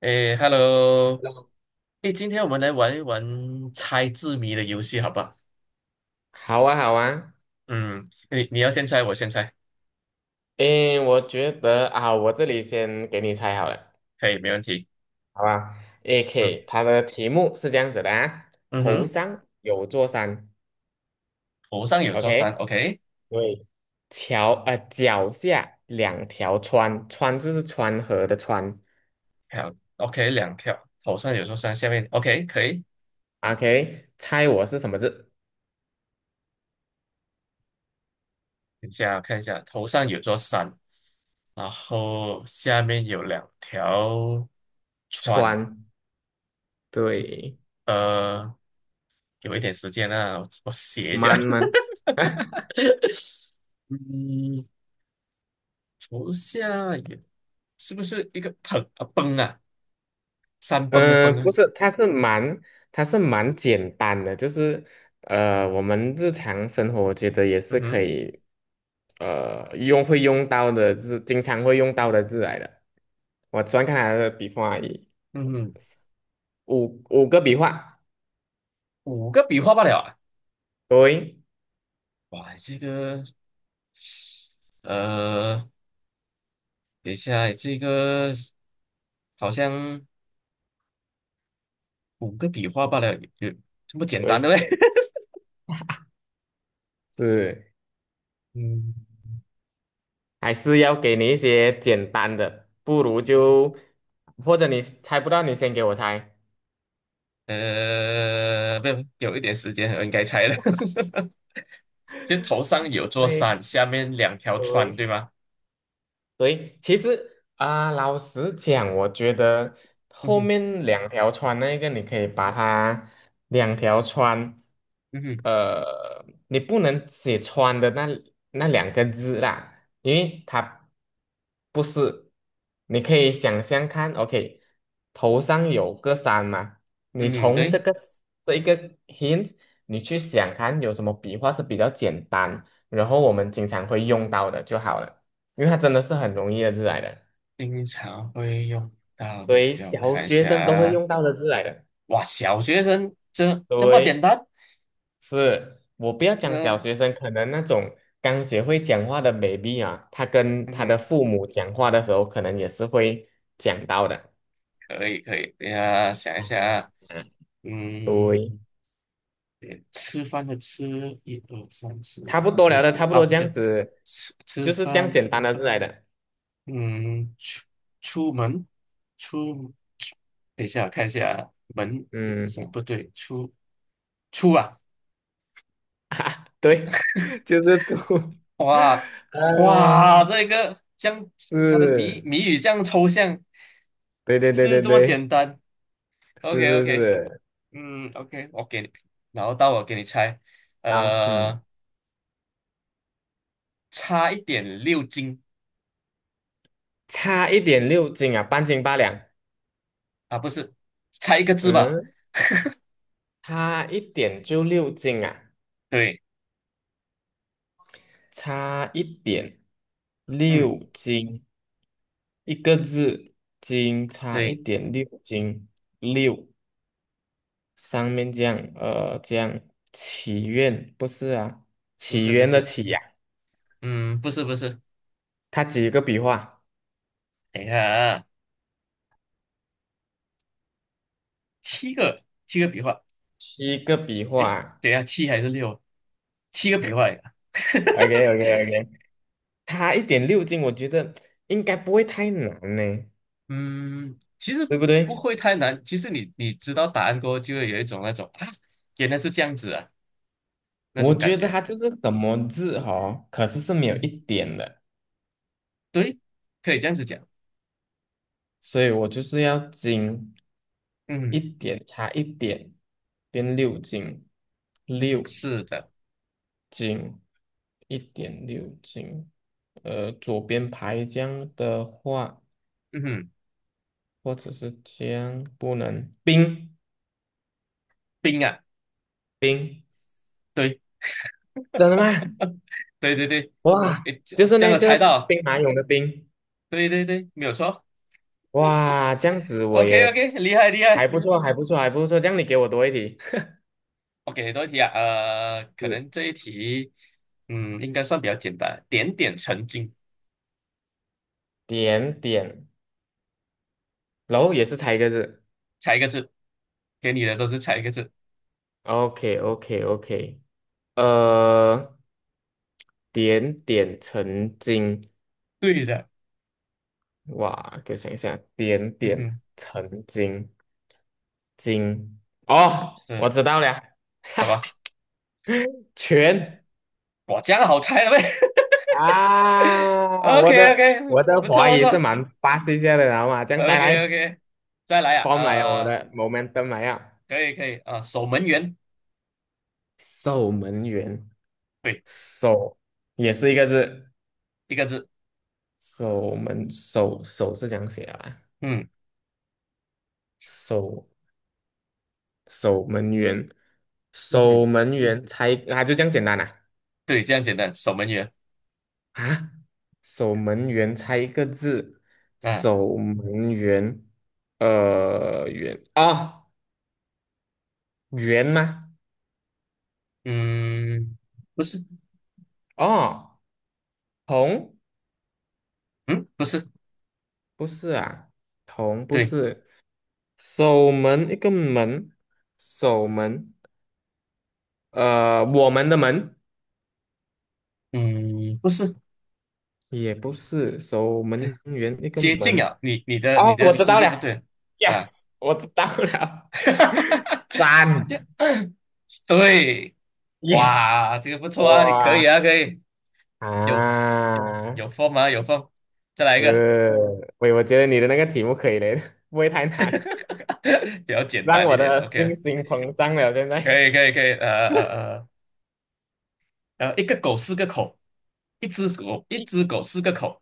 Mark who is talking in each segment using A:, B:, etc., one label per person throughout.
A: 诶，Hello。诶，今天我们来玩一玩猜字谜的游戏，好不好？
B: 好啊，好啊。
A: 嗯。你要先猜，我先猜。
B: 诶，我觉得啊，我这里先给你猜好了，
A: 可以，没问题。
B: 好吧？AK，
A: 嗯
B: 它的题目是这样子的啊，
A: 嗯
B: 头
A: 哼。
B: 上有座山
A: 头上有座山
B: ，OK，
A: ，OK。
B: 对，桥脚下两条川，川就是川河的川
A: 好，OK，两条。头上有座山，下面 OK，可以。
B: ，OK，猜我是什么字？
A: 等一下看一下，头上有座山，然后下面有两条川。
B: 川，
A: 就
B: 对。
A: 呃，有一点时间啊，我写一下。
B: 蛮蛮，
A: 嗯，头下有，是不是一个盆啊崩啊？山崩的崩
B: 嗯、不
A: 啊。
B: 是，它是蛮，它是蛮简单的，就是。我们日常生活我觉得也
A: 嗯
B: 是可
A: 哼。
B: 以用会用到的字，经常会用到的字来的。我喜欢看他的笔画，已，
A: 嗯哼。
B: 五个笔画。
A: 五个笔画罢了啊！
B: 对
A: 哇，这个呃，等一下，这个好像五个笔画罢了，有这么简单的
B: 对，
A: 呗？
B: 是
A: 嗯，
B: 还是要给你一些简单的，不如就或者你猜不到，你先给我猜。
A: 不，有一点时间，我应该猜了。就头上有座
B: 对
A: 山，下面两条船，
B: 对，
A: 对吗？
B: 对，其实啊、老实讲，我觉得
A: 嗯
B: 后
A: 哼。
B: 面两条穿那个，你可以把它两条穿，
A: 嗯哼。
B: 你不能写穿的那两个字啦，因为它不是，你可以想象看，OK，头上有个山嘛，你
A: 嗯哼，
B: 从这
A: 对，
B: 个这一个 hint，你去想看有什么笔画是比较简单，然后我们经常会用到的就好了，因为它真的是很容易的字来的。
A: 经常会用到的，
B: 对，
A: 就
B: 小
A: 看一
B: 学
A: 下
B: 生都会
A: 啊。
B: 用到的字来的。
A: 哇，小学生这么简
B: 对，
A: 单？
B: 是，我不要讲小
A: 嗯、
B: 学生，可能那种刚学会讲话的 baby 啊，他跟
A: 嗯
B: 他
A: 哼。
B: 的父母讲话的时候，可能也是会讲到的。
A: 可以可以，等一下想一下
B: 哦
A: 啊。嗯，
B: 对，
A: 对吃饭的吃，一二三四
B: 差
A: 五
B: 不多
A: 六
B: 聊的
A: 七
B: 差不
A: 啊，
B: 多
A: 不
B: 这样
A: 是
B: 子，
A: 吃吃
B: 就是这样
A: 饭，
B: 简单的字来的。
A: 嗯，出门出，出等一下我看一下啊，门也
B: 嗯，
A: 算不对，出啊。
B: 啊，对，就是猪。
A: 哇 哇，
B: 啊，
A: 这个这样它的谜
B: 是，
A: 谜语这样抽象，
B: 对对对
A: 是
B: 对
A: 这么
B: 对，
A: 简单
B: 是
A: ，OK
B: 是
A: OK。
B: 是，
A: 嗯 OK，我给你，然后到我给你猜，
B: 好，嗯。
A: 呃。差一点六斤
B: 差一点六斤啊，半斤八两。
A: 啊，不是，差一个字吧？
B: 嗯，差一点就六斤啊，
A: 对。
B: 差一点
A: 嗯，
B: 六斤，一个字，斤差一
A: 对，
B: 点六斤六。上面这样，这样祈愿不是啊，
A: 不
B: 起
A: 是不
B: 源的
A: 是。
B: 起呀、
A: 嗯，不是不是。
B: 它几个笔画？
A: 等一下啊，七个笔画。
B: 七个笔
A: 诶，
B: 画。
A: 等一下七还是六？七个笔画呀。
B: o k o k o k 它一点六斤，我觉得应该不会太难呢，
A: 嗯，其实
B: 对不
A: 不
B: 对？
A: 会太难。其实你知道答案过后，就会有一种那种啊，原来是这样子啊，那
B: 我
A: 种感
B: 觉得
A: 觉。
B: 它就是什么字哦，可是是没有一
A: 嗯，
B: 点的，
A: 对，可以这样子讲。
B: 所以我就是要精一
A: 嗯，
B: 点，差一点变六斤，六。
A: 是的。
B: 斤，一点六斤。左边排浆的话，
A: 嗯哼，
B: 或者是浆不能冰
A: 冰啊。
B: 冰，
A: 对，
B: 真的吗？
A: 对对对。
B: 哇，
A: 诶，这
B: 就是
A: 这样
B: 那
A: 我
B: 个
A: 猜到。
B: 兵马俑的兵。
A: 对对对，没有错。
B: 哇，这样子我
A: OK OK，
B: 也
A: 厉害厉
B: 还
A: 害。
B: 不错，还不错，还不错。这样你给我多一题，
A: OK，多一题啊，可
B: 是
A: 能这一题。嗯，应该算比较简单，点点成金，
B: 点点，然后也是猜一个字。
A: 猜一个字，给你的都是猜一个字。
B: OK OK OK，呃，点点成金，
A: 对的。
B: 哇，给我想一想，点
A: 嗯
B: 点
A: 哼，
B: 成金金哦，我
A: 是
B: 知道了，哈
A: 什
B: 哈，
A: 么？
B: 全。
A: 哇，这样好猜了呗。
B: 啊，
A: OK
B: 我的
A: OK，
B: 我的
A: 不
B: 华
A: 错不
B: 语是
A: 错。
B: 蛮巴西一下的，然后吗？这样再
A: OK
B: 来
A: OK，再来啊，
B: ，form 来了我的 momentum 来了。
A: 可以可以啊，守门员，
B: 守门员，
A: 对，
B: 守也是一个字，
A: 一个字。
B: 守门是这样写的啊，
A: 嗯
B: 守守门员，
A: 嗯
B: 守
A: 哼，
B: 门员猜啊，就这样简单啊。
A: 对，这样简单，守门员。
B: 啊，守门员猜一个字，
A: 啊。
B: 守门员，员啊，员吗？
A: 嗯，不是。
B: 哦，同
A: 嗯，不是。
B: 不是啊，同不
A: 对，
B: 是，守门一个门，守门，我们的门
A: 嗯，不是。
B: 也不是，守
A: 对，
B: 门员一个
A: 接近
B: 门。
A: 啊，你你的你
B: 哦，
A: 的
B: 我知
A: 思
B: 道了
A: 路不对
B: ，yes，
A: 啊。
B: 我知道 了。
A: 哈哈
B: 三
A: 这 对。
B: ，yes。
A: 哇，这个不错啊，你可以
B: 哇
A: 啊，可以，有
B: 啊！
A: 有风吗？有风，再来一个。
B: 是，我觉得你的那个题目可以嘞，不会太难，
A: 比较简
B: 让
A: 单一
B: 我
A: 点
B: 的信
A: ，OK。
B: 心膨胀了。现
A: 可
B: 在
A: 以可以可以，一个狗四个口，一只狗一
B: 一
A: 只狗四个口。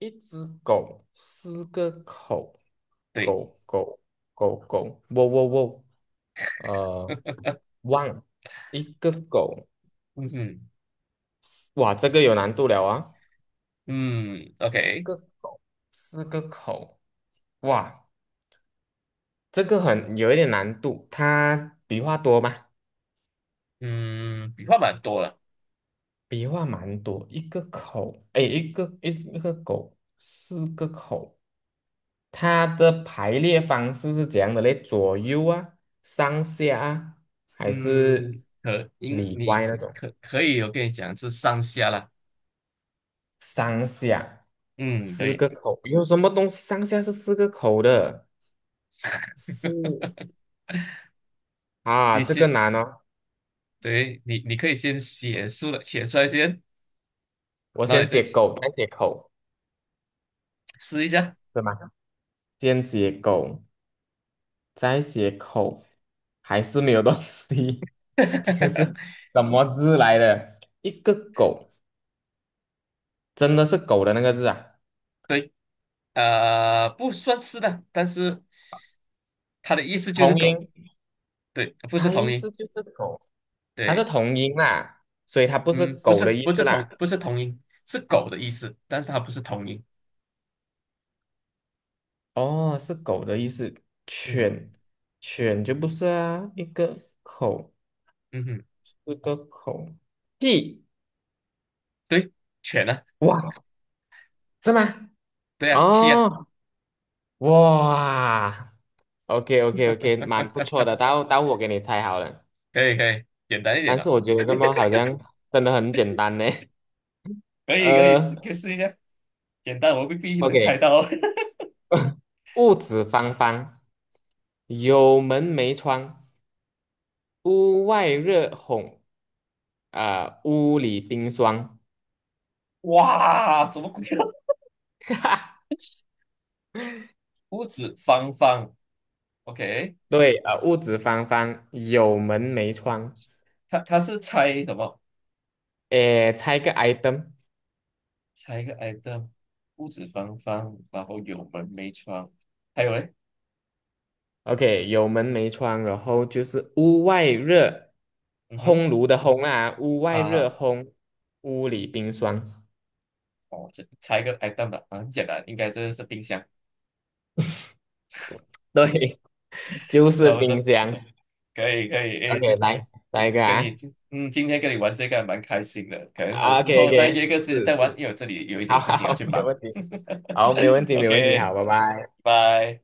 B: 一只狗，四个口，
A: 对，
B: 狗狗狗狗，喔喔喔，呃，汪，一个狗，
A: 嗯嗯
B: 哇，这个有难度了啊。
A: 嗯
B: 一
A: ，OK。
B: 个狗，四个口，哇，这个很有一点难度，它笔画多吗？
A: 嗯，笔画蛮多了。
B: 笔画蛮多，一个口，哎，一个狗，四个口。它的排列方式是怎样的嘞？左右啊，上下啊，还
A: 嗯，
B: 是里
A: 你
B: 外那种？
A: 可以，我跟你讲是上下啦。
B: 上下
A: 嗯，
B: 四
A: 对，
B: 个口，有什么东西上下是四个口的？是啊，
A: 你
B: 这个
A: 先，
B: 难哦。
A: 对你可以先写出来，写出来先，
B: 我
A: 然后
B: 先
A: 你再
B: 写狗，再写口，
A: 试一下。
B: 是吗？先写狗，再写口，还是没有东西。这个是 什么字来的？一个狗，真的是狗的那个字啊？
A: 对，不算是的，但是它的意思就是
B: 同
A: 狗，
B: 音。
A: 对，不是
B: 它意
A: 同音，
B: 思就是狗，它是
A: 对，
B: 同音啦，所以它不是
A: 嗯，不
B: 狗
A: 是
B: 的意
A: 不
B: 思
A: 是
B: 啦。
A: 不是同音，是狗的意思，但是它不是同音。
B: 哦，是狗的意思。
A: 嗯
B: 犬，犬就不是啊，一个口，
A: 嗯哼，
B: 一个口。屁，
A: 对，犬呢？
B: 哇，是吗？
A: 对啊，七啊，
B: 哦，哇，OK OK OK，蛮不错的。待会我给你猜好了，
A: 可以可以，简单一点
B: 但是
A: 的，
B: 我觉得这么好像真的很简单呢。
A: 可以可以试，可以
B: 呃
A: 试一下。简单，我未必能
B: ，OK，
A: 猜到。
B: 屋子方方，有门没窗。屋外热烘，屋里冰霜。
A: 哇，怎么鬼啊？屋子方方，OK。
B: 对，屋子方方，有门没窗。
A: 他是猜什么？
B: 诶，猜个 item，OK，
A: 猜一个 item，屋子方方，然后有门没窗，还有嘞，
B: 有门没窗，然后就是屋外热，
A: 嗯哼，
B: 烘炉的烘啊，屋外热
A: 啊，
B: 烘，屋里冰霜。
A: 哦，这猜一个 item 吧。啊很简单，应该这是冰箱。
B: 对，就
A: 不
B: 是
A: 错，不错，
B: 冰箱。
A: 可以可以。诶，
B: OK，
A: 这
B: 来，下一个
A: 跟你
B: 啊。
A: 今天跟你玩这个还蛮开心的，可能我之后再
B: OK，OK，
A: 约个时间再
B: 是，
A: 玩，因为我这里有一点
B: 好
A: 事情要
B: 好，
A: 去
B: 没
A: 忙。
B: 问题，好，没问 题，没问题，
A: OK，
B: 好，拜拜。
A: 拜。